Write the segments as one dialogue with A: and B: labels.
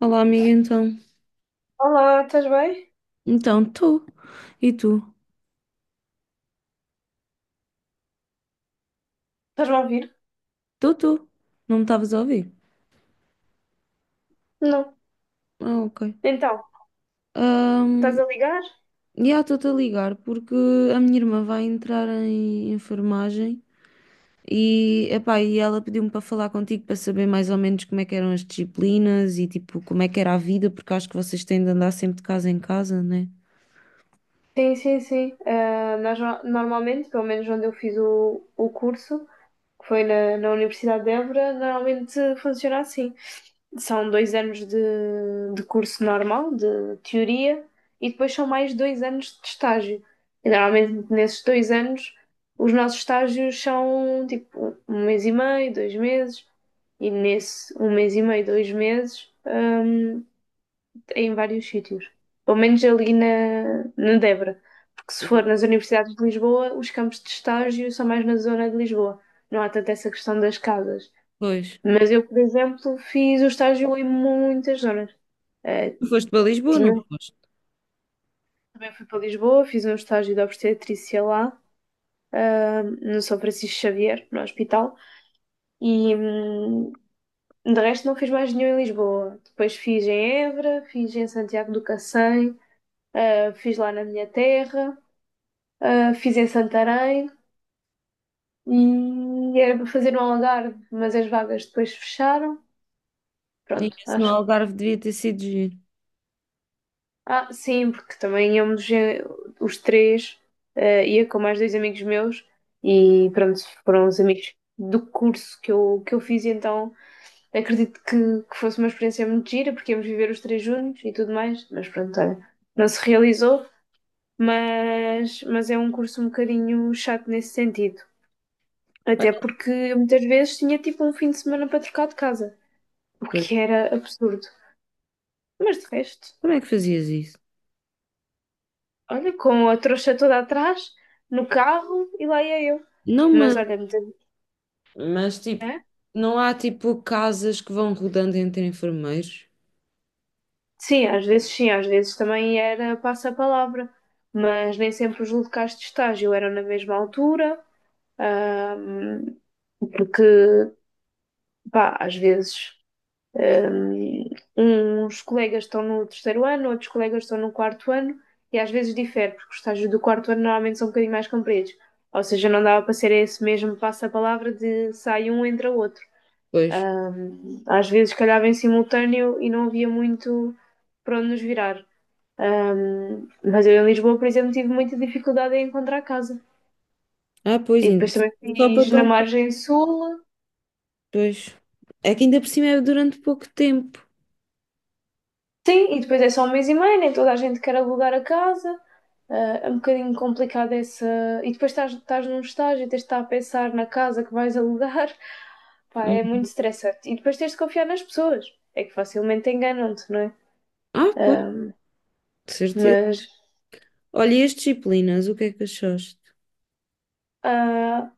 A: Olá, amiga, então.
B: Olá, estás bem?
A: Então, tu. E tu?
B: Estás-me a ouvir?
A: Tu. Não me estavas a ouvir?
B: Não.
A: Ah, ok.
B: Então, estás
A: Ahm,
B: a ligar?
A: Já estou-te a ligar porque a minha irmã vai entrar em enfermagem e, epá, e ela pediu-me para falar contigo para saber mais ou menos como é que eram as disciplinas e tipo como é que era a vida, porque acho que vocês têm de andar sempre de casa em casa, né?
B: Sim, sim, sim. Ah, nós normalmente, pelo menos onde eu fiz o curso, que foi na Universidade de Évora, normalmente funciona assim. São 2 anos de curso normal, de teoria, e depois são mais 2 anos de estágio. E normalmente nesses 2 anos, os nossos estágios são tipo 1 mês e meio, 2 meses, e nesse um mês e meio, dois meses, em vários sítios. Pelo menos ali na Débora. Porque se for nas universidades de Lisboa, os campos de estágio são mais na zona de Lisboa. Não há tanto essa questão das casas.
A: Pois.
B: Mas eu, por exemplo, fiz o estágio em muitas zonas. Eh,
A: Tu foste para Lisboa, não
B: tinha um-
A: foste?
B: Também fui para Lisboa, fiz um estágio de obstetrícia lá, no São Francisco Xavier, no hospital. E de resto não fiz mais nenhum em Lisboa. Depois fiz em Évora, fiz em Santiago do Cacém, fiz lá na minha terra. Fiz em Santarém e era para fazer no Algarve, mas as vagas depois fecharam.
A: E
B: Pronto,
A: esse no
B: acho que.
A: Algarve devia ter sido giro.
B: Ah, sim, porque também íamos os três, ia com mais dois amigos meus e pronto, foram os amigos do curso que eu fiz, e então acredito que fosse uma experiência muito gira, porque íamos viver os três juntos e tudo mais, mas pronto, olha, não se realizou, mas é um curso um bocadinho chato nesse sentido.
A: Olha,
B: Até porque eu muitas vezes tinha tipo um fim de semana para trocar de casa, o
A: pois.
B: que era absurdo. Mas de resto,
A: Como é que fazias isso?
B: olha, com a trouxa toda atrás, no carro e lá ia eu.
A: Não me.
B: Mas olha, muitas
A: Mas tipo,
B: é?
A: não há tipo casas que vão rodando entre enfermeiros?
B: Sim, às vezes também era passa-palavra, mas nem sempre os locais de estágio eram na mesma altura, ahm, porque, pá, às vezes Um, uns colegas estão no terceiro ano, outros colegas estão no quarto ano, e às vezes difere, porque os estágios do quarto ano normalmente são um bocadinho mais compridos. Ou seja, não dava para ser esse mesmo passa-palavra de sai um, entra outro.
A: Pois.
B: Às vezes calhava em simultâneo e não havia muito para onde nos virar. Mas eu em Lisboa, por exemplo, tive muita dificuldade em encontrar casa.
A: Ah, pois,
B: E
A: ainda
B: depois
A: por
B: também
A: cima só para
B: fiz na
A: tão.
B: margem sul.
A: Pois. É que ainda por cima é durante pouco tempo.
B: Sim, e depois é só um mês e meio, nem toda a gente quer alugar a casa. Ah, é um bocadinho complicado essa. E depois estás num estágio e tens de estar a pensar na casa que vais alugar. Pá, é muito
A: Hum.
B: estressante. E depois tens de confiar nas pessoas. É que facilmente enganam-te, não é?
A: Ah, pois,
B: Ah,
A: de certeza.
B: mas.
A: Olha, e as disciplinas, o que é que achaste?
B: ah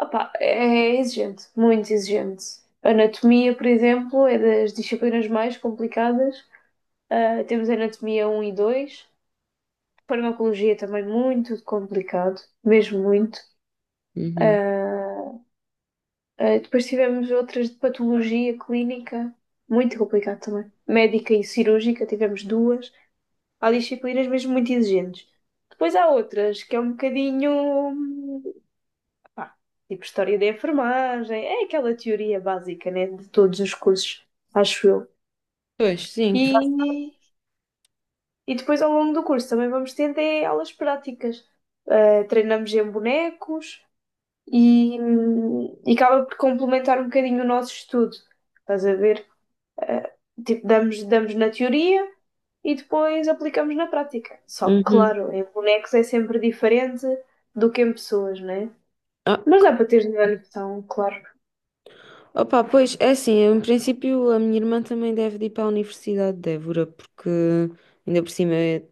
B: Opá, é exigente, muito exigente. Anatomia, por exemplo, é das disciplinas mais complicadas. Ah, temos anatomia um e dois. Farmacologia também muito complicado, mesmo muito.
A: Uhum.
B: Ah, Depois tivemos outras de patologia clínica, muito complicado também. Médica e cirúrgica, tivemos duas. Há disciplinas mesmo muito exigentes. Depois há outras que é um bocadinho, hum, pá, tipo história da enfermagem, é aquela teoria básica, né, de todos os cursos, acho eu.
A: Pois, sim.
B: E, e depois ao longo do curso também vamos tendo aulas práticas. Ah, treinamos em bonecos, e, e acaba por complementar um bocadinho o nosso estudo. Estás a ver? Eh, tipo, damos na teoria e depois aplicamos na prática. Só que,
A: Uhum.
B: claro, em bonecos é sempre diferente do que em pessoas, né?
A: Ah,
B: Mas dá para ter noção, claro.
A: opa, pois, é assim, eu, em princípio a minha irmã também deve de ir para a Universidade de Évora, porque ainda por cima é-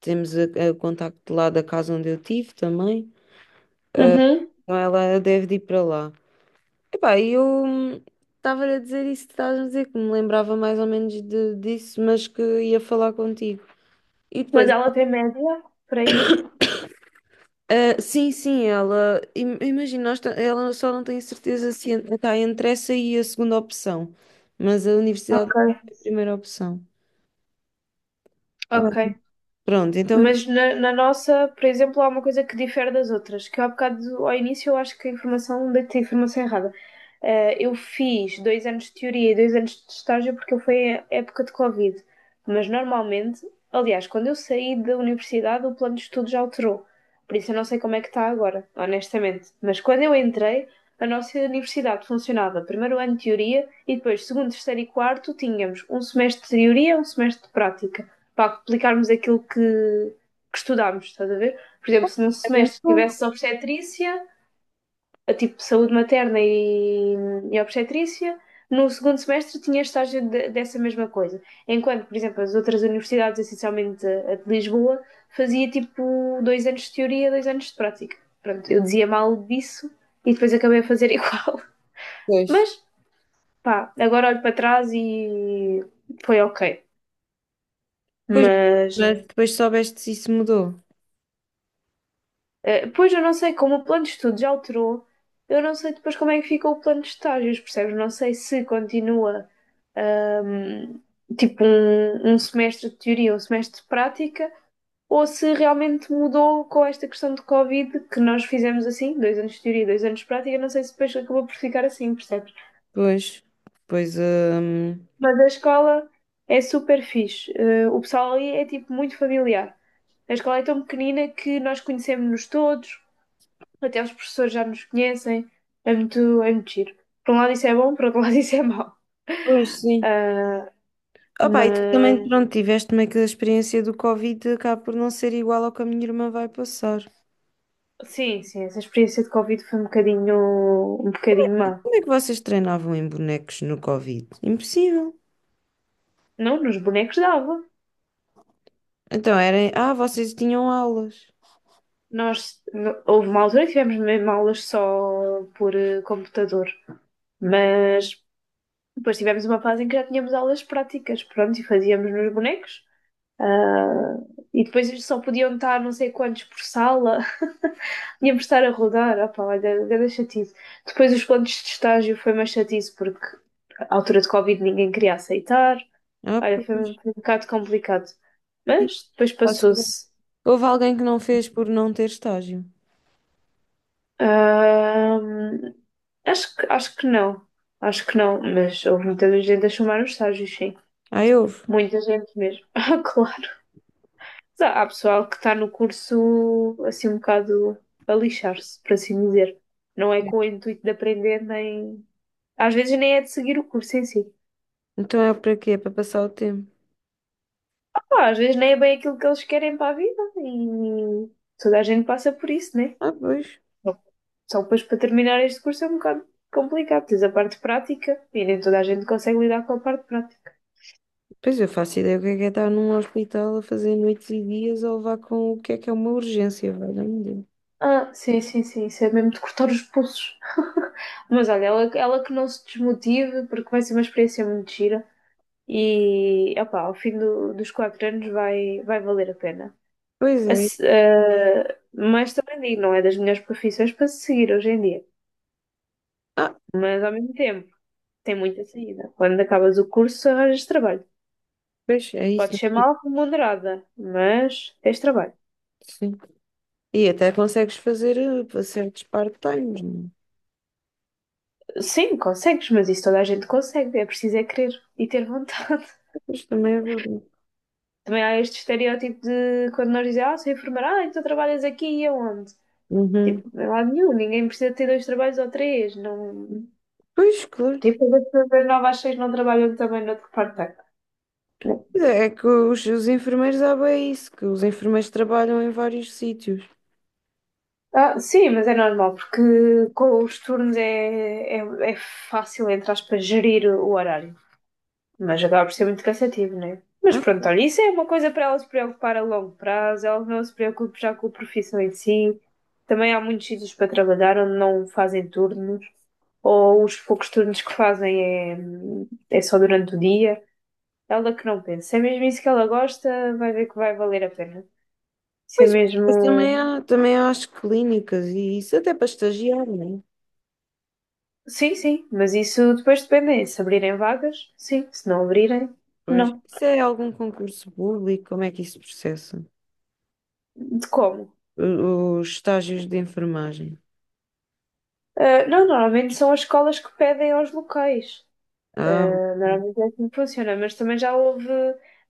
A: temos a- o contacto lá da casa onde eu tive também,
B: Uhum.
A: então ela deve de ir para lá. Epá, eu estava a dizer isso que estás a dizer, que me lembrava mais ou menos de- disso, mas que ia falar contigo. E
B: Mas
A: depois,
B: ela tem média para ir.
A: ah, sim, sim, ela, im- imagina, nós ta- ela só não tem certeza se en- está entre essa e a segunda opção, mas a universidade
B: Ok.
A: é a primeira opção. Ah,
B: Ok.
A: pronto, então
B: Mas na nossa, por exemplo, há uma coisa que difere das outras, que eu há bocado, ao início, eu acho que a informação, deitei a informação errada. Eu fiz 2 anos de teoria e 2 anos de estágio porque foi a época de Covid. Mas normalmente, aliás, quando eu saí da universidade, o plano de estudo já alterou. Por isso eu não sei como é que está agora, honestamente. Mas quando eu entrei, a nossa universidade funcionava primeiro ano de teoria e depois segundo, terceiro e quarto tínhamos um semestre de teoria, um semestre de prática para aplicarmos aquilo que estudámos, estás a ver? Por exemplo, se num
A: é muito
B: semestre
A: bom.
B: tivesse obstetrícia, a tipo saúde materna e obstetrícia, no segundo semestre tinha dessa mesma coisa. Enquanto, por exemplo, as outras universidades, essencialmente a, de Lisboa, fazia tipo 2 anos de teoria, 2 anos de prática. Pronto, eu dizia mal disso e depois acabei a fazer igual.
A: Pois,
B: Mas, pá, agora olho para trás e foi ok.
A: pois,
B: Mas,
A: mas depois soubeste se isso mudou.
B: Pois eu não sei como o plano de estudos já alterou, eu não sei depois como é que fica o plano de estágios, percebes? Não sei se continua ahm, tipo um semestre de teoria, um semestre de prática, ou se realmente mudou com esta questão de Covid que nós fizemos assim, 2 anos de teoria, dois anos de prática, não sei se depois acabou por ficar assim, percebes?
A: Pois, pois,
B: Mas a escola é super fixe, o pessoal ali é tipo muito familiar. A escola é tão pequenina que nós conhecemos-nos todos. Até os professores já nos conhecem. É muito giro. Por um lado isso é bom, por outro lado isso é mau.
A: pois sim.
B: Ah,
A: Opa, e tu também,
B: mas
A: pronto, tiveste meio que a experiência do Covid, acaba por não ser igual ao que a minha irmã vai passar.
B: sim, sim, essa experiência de Covid foi um bocadinho má.
A: Como é que vocês treinavam em bonecos no Covid? Impossível.
B: Não, nos bonecos dava.
A: Então, era, ah, vocês tinham aulas.
B: Nós, houve uma altura que tivemos mesmo aulas só por computador, mas depois tivemos uma fase em que já tínhamos aulas práticas, pronto, e fazíamos nos bonecos. Ah, e depois eles só podiam estar não sei quantos por sala. Tínhamos de estar a rodar. Opa, olha, grande chatice. Depois os contos de estágio foi mais chatice porque à altura de Covid ninguém queria aceitar.
A: Ah,
B: Olha, foi um
A: pois.
B: foi um bocado complicado.
A: Sim,
B: Mas depois
A: faço ideia.
B: passou-se.
A: Houve alguém que não fez por não ter estágio.
B: Ah, acho que não. Acho que não, mas houve muita gente a chamar os estágios, sim.
A: Ah, houve.
B: Muita gente mesmo. Ah, claro. Mas há pessoal que está no curso assim um bocado a lixar-se, por assim dizer. Não é com o intuito de aprender, nem. Às vezes nem é de seguir o curso em si.
A: Então é para quê? É para passar o tempo.
B: Pá, às vezes nem é bem aquilo que eles querem para a vida e toda a gente passa por isso, né?
A: Ah, pois.
B: Só depois para terminar este curso é um bocado complicado. Tens a parte prática e nem toda a gente consegue lidar com a parte prática.
A: Pois eu faço ideia o que é estar num hospital a fazer noites e dias a levar com o que é uma urgência, valha-me Deus.
B: Ah, sim, sim, sim, isso é mesmo de cortar os pulsos. Mas olha, ela que não se desmotive, porque vai ser uma experiência muito gira. E opá, ao fim dos 4 anos vai valer a pena.
A: Pois
B: A
A: é.
B: se- eh, mas também digo, não é das melhores profissões para se seguir hoje em dia.
A: Ah,
B: Mas ao mesmo tempo, tem muita saída. Quando acabas o curso, arranjas trabalho.
A: pois é isso.
B: Podes ser mal remunerada, mas tens trabalho.
A: Sim. E até consegues fazer certos part-times, não é?
B: Sim, consegues, mas isso toda a gente consegue. É preciso é querer e ter vontade.
A: Pois também é verdade.
B: Também há este estereótipo de quando nós dizemos, ah, sou enfermeira, ah, então trabalhas aqui e aonde?
A: Uhum.
B: Tipo, não é lado nenhum, ninguém precisa ter dois trabalhos ou três, não.
A: Pois, claro.
B: Tipo, as pessoas novas às seis não trabalham também no outro parte da casa.
A: É é que os enfermeiros há bem isso, que os enfermeiros trabalham em vários sítios.
B: Ah, sim, mas é normal, porque com os turnos é fácil, entre aspas, gerir o horário. Mas acaba por ser muito cansativo, não é? Mas
A: Ah,
B: pronto, olha, isso é uma coisa para ela se preocupar a longo prazo, ela não se preocupe já com a profissão em si. Também há muitos sítios para trabalhar onde não fazem turnos, ou os poucos turnos que fazem é só durante o dia. Ela que não pensa, se é mesmo isso que ela gosta, vai ver que vai valer a pena. Isso é
A: pois, pois
B: mesmo.
A: também há as clínicas e isso até para estagiar, não é?
B: Sim, sim, mas isso depois depende. Se abrirem vagas, sim. Se não abrirem,
A: Pois.
B: não.
A: Isso é algum concurso público? Como é que isso processa?
B: De como?
A: O- Os estágios de enfermagem.
B: Ah, não, normalmente são as escolas que pedem aos locais.
A: Ah,
B: Ah, normalmente é assim que funciona, mas também já houve,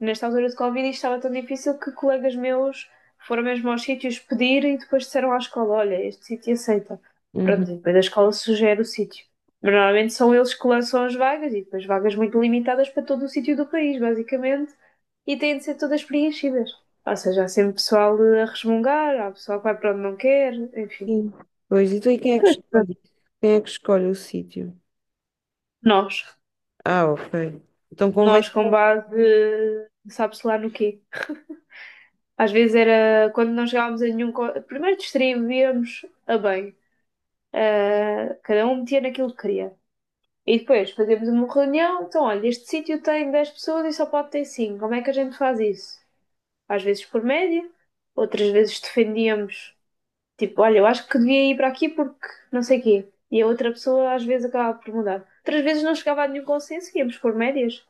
B: nesta altura de Covid, isto estava tão difícil que colegas meus foram mesmo aos sítios pedir e depois disseram à escola: Olha, este sítio aceita.
A: uhum.
B: Pronto, e depois a escola sugere o sítio. Mas normalmente são eles que lançam as vagas e depois vagas muito limitadas para todo o sítio do país, basicamente e têm de ser todas preenchidas. Ou seja, há sempre pessoal a resmungar, há pessoal que vai para onde não quer, enfim.
A: Sim. Pois, então e quem é que
B: Mas pronto,
A: escolhe? Quem é que escolhe o sítio?
B: nós,
A: Ah, ok. Então convém.
B: nós com base, sabe-se lá no quê. Às vezes era quando não chegávamos a nenhum. Primeiro distribuíamos a bem, cada um metia naquilo que queria. E depois fazíamos uma reunião, então olha, este sítio tem 10 pessoas e só pode ter 5 como é que a gente faz isso? Às vezes por média, outras vezes defendíamos. Tipo, olha, eu acho que devia ir para aqui porque não sei quê. E a outra pessoa às vezes acabava por mudar. Outras vezes não chegava a nenhum consenso e íamos por médias.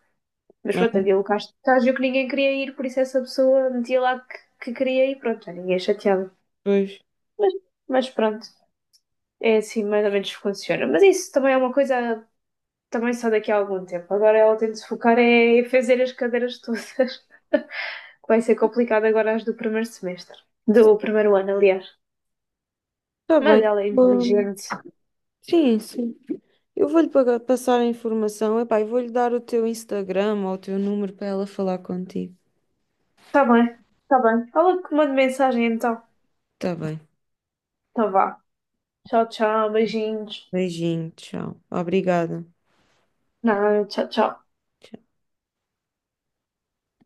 B: Mas pronto, havia locais de estágio que ninguém queria ir, por isso essa pessoa metia lá que queria ir, pronto, já ninguém chateava.
A: Pois.
B: Mas, mas pronto, é assim mais ou menos que funciona. Mas isso também é uma coisa também só daqui a algum tempo. Agora ela tem de se focar é em fazer as cadeiras todas, que vai ser complicado agora as do primeiro semestre. Do primeiro ano, aliás.
A: Está
B: Mas
A: bem.
B: ela é
A: Bom,
B: inteligente.
A: sim, sim. Eu vou-lhe pagar- passar a informação. Epá, eu vou-lhe dar o teu Instagram ou o teu número para ela falar contigo.
B: Tá bem, tá bem. Fala que manda mensagem então.
A: Está bem.
B: Tá vá. Tchau, tchau, beijinhos.
A: Beijinho, tchau. Obrigada.
B: Não, tchau, tchau.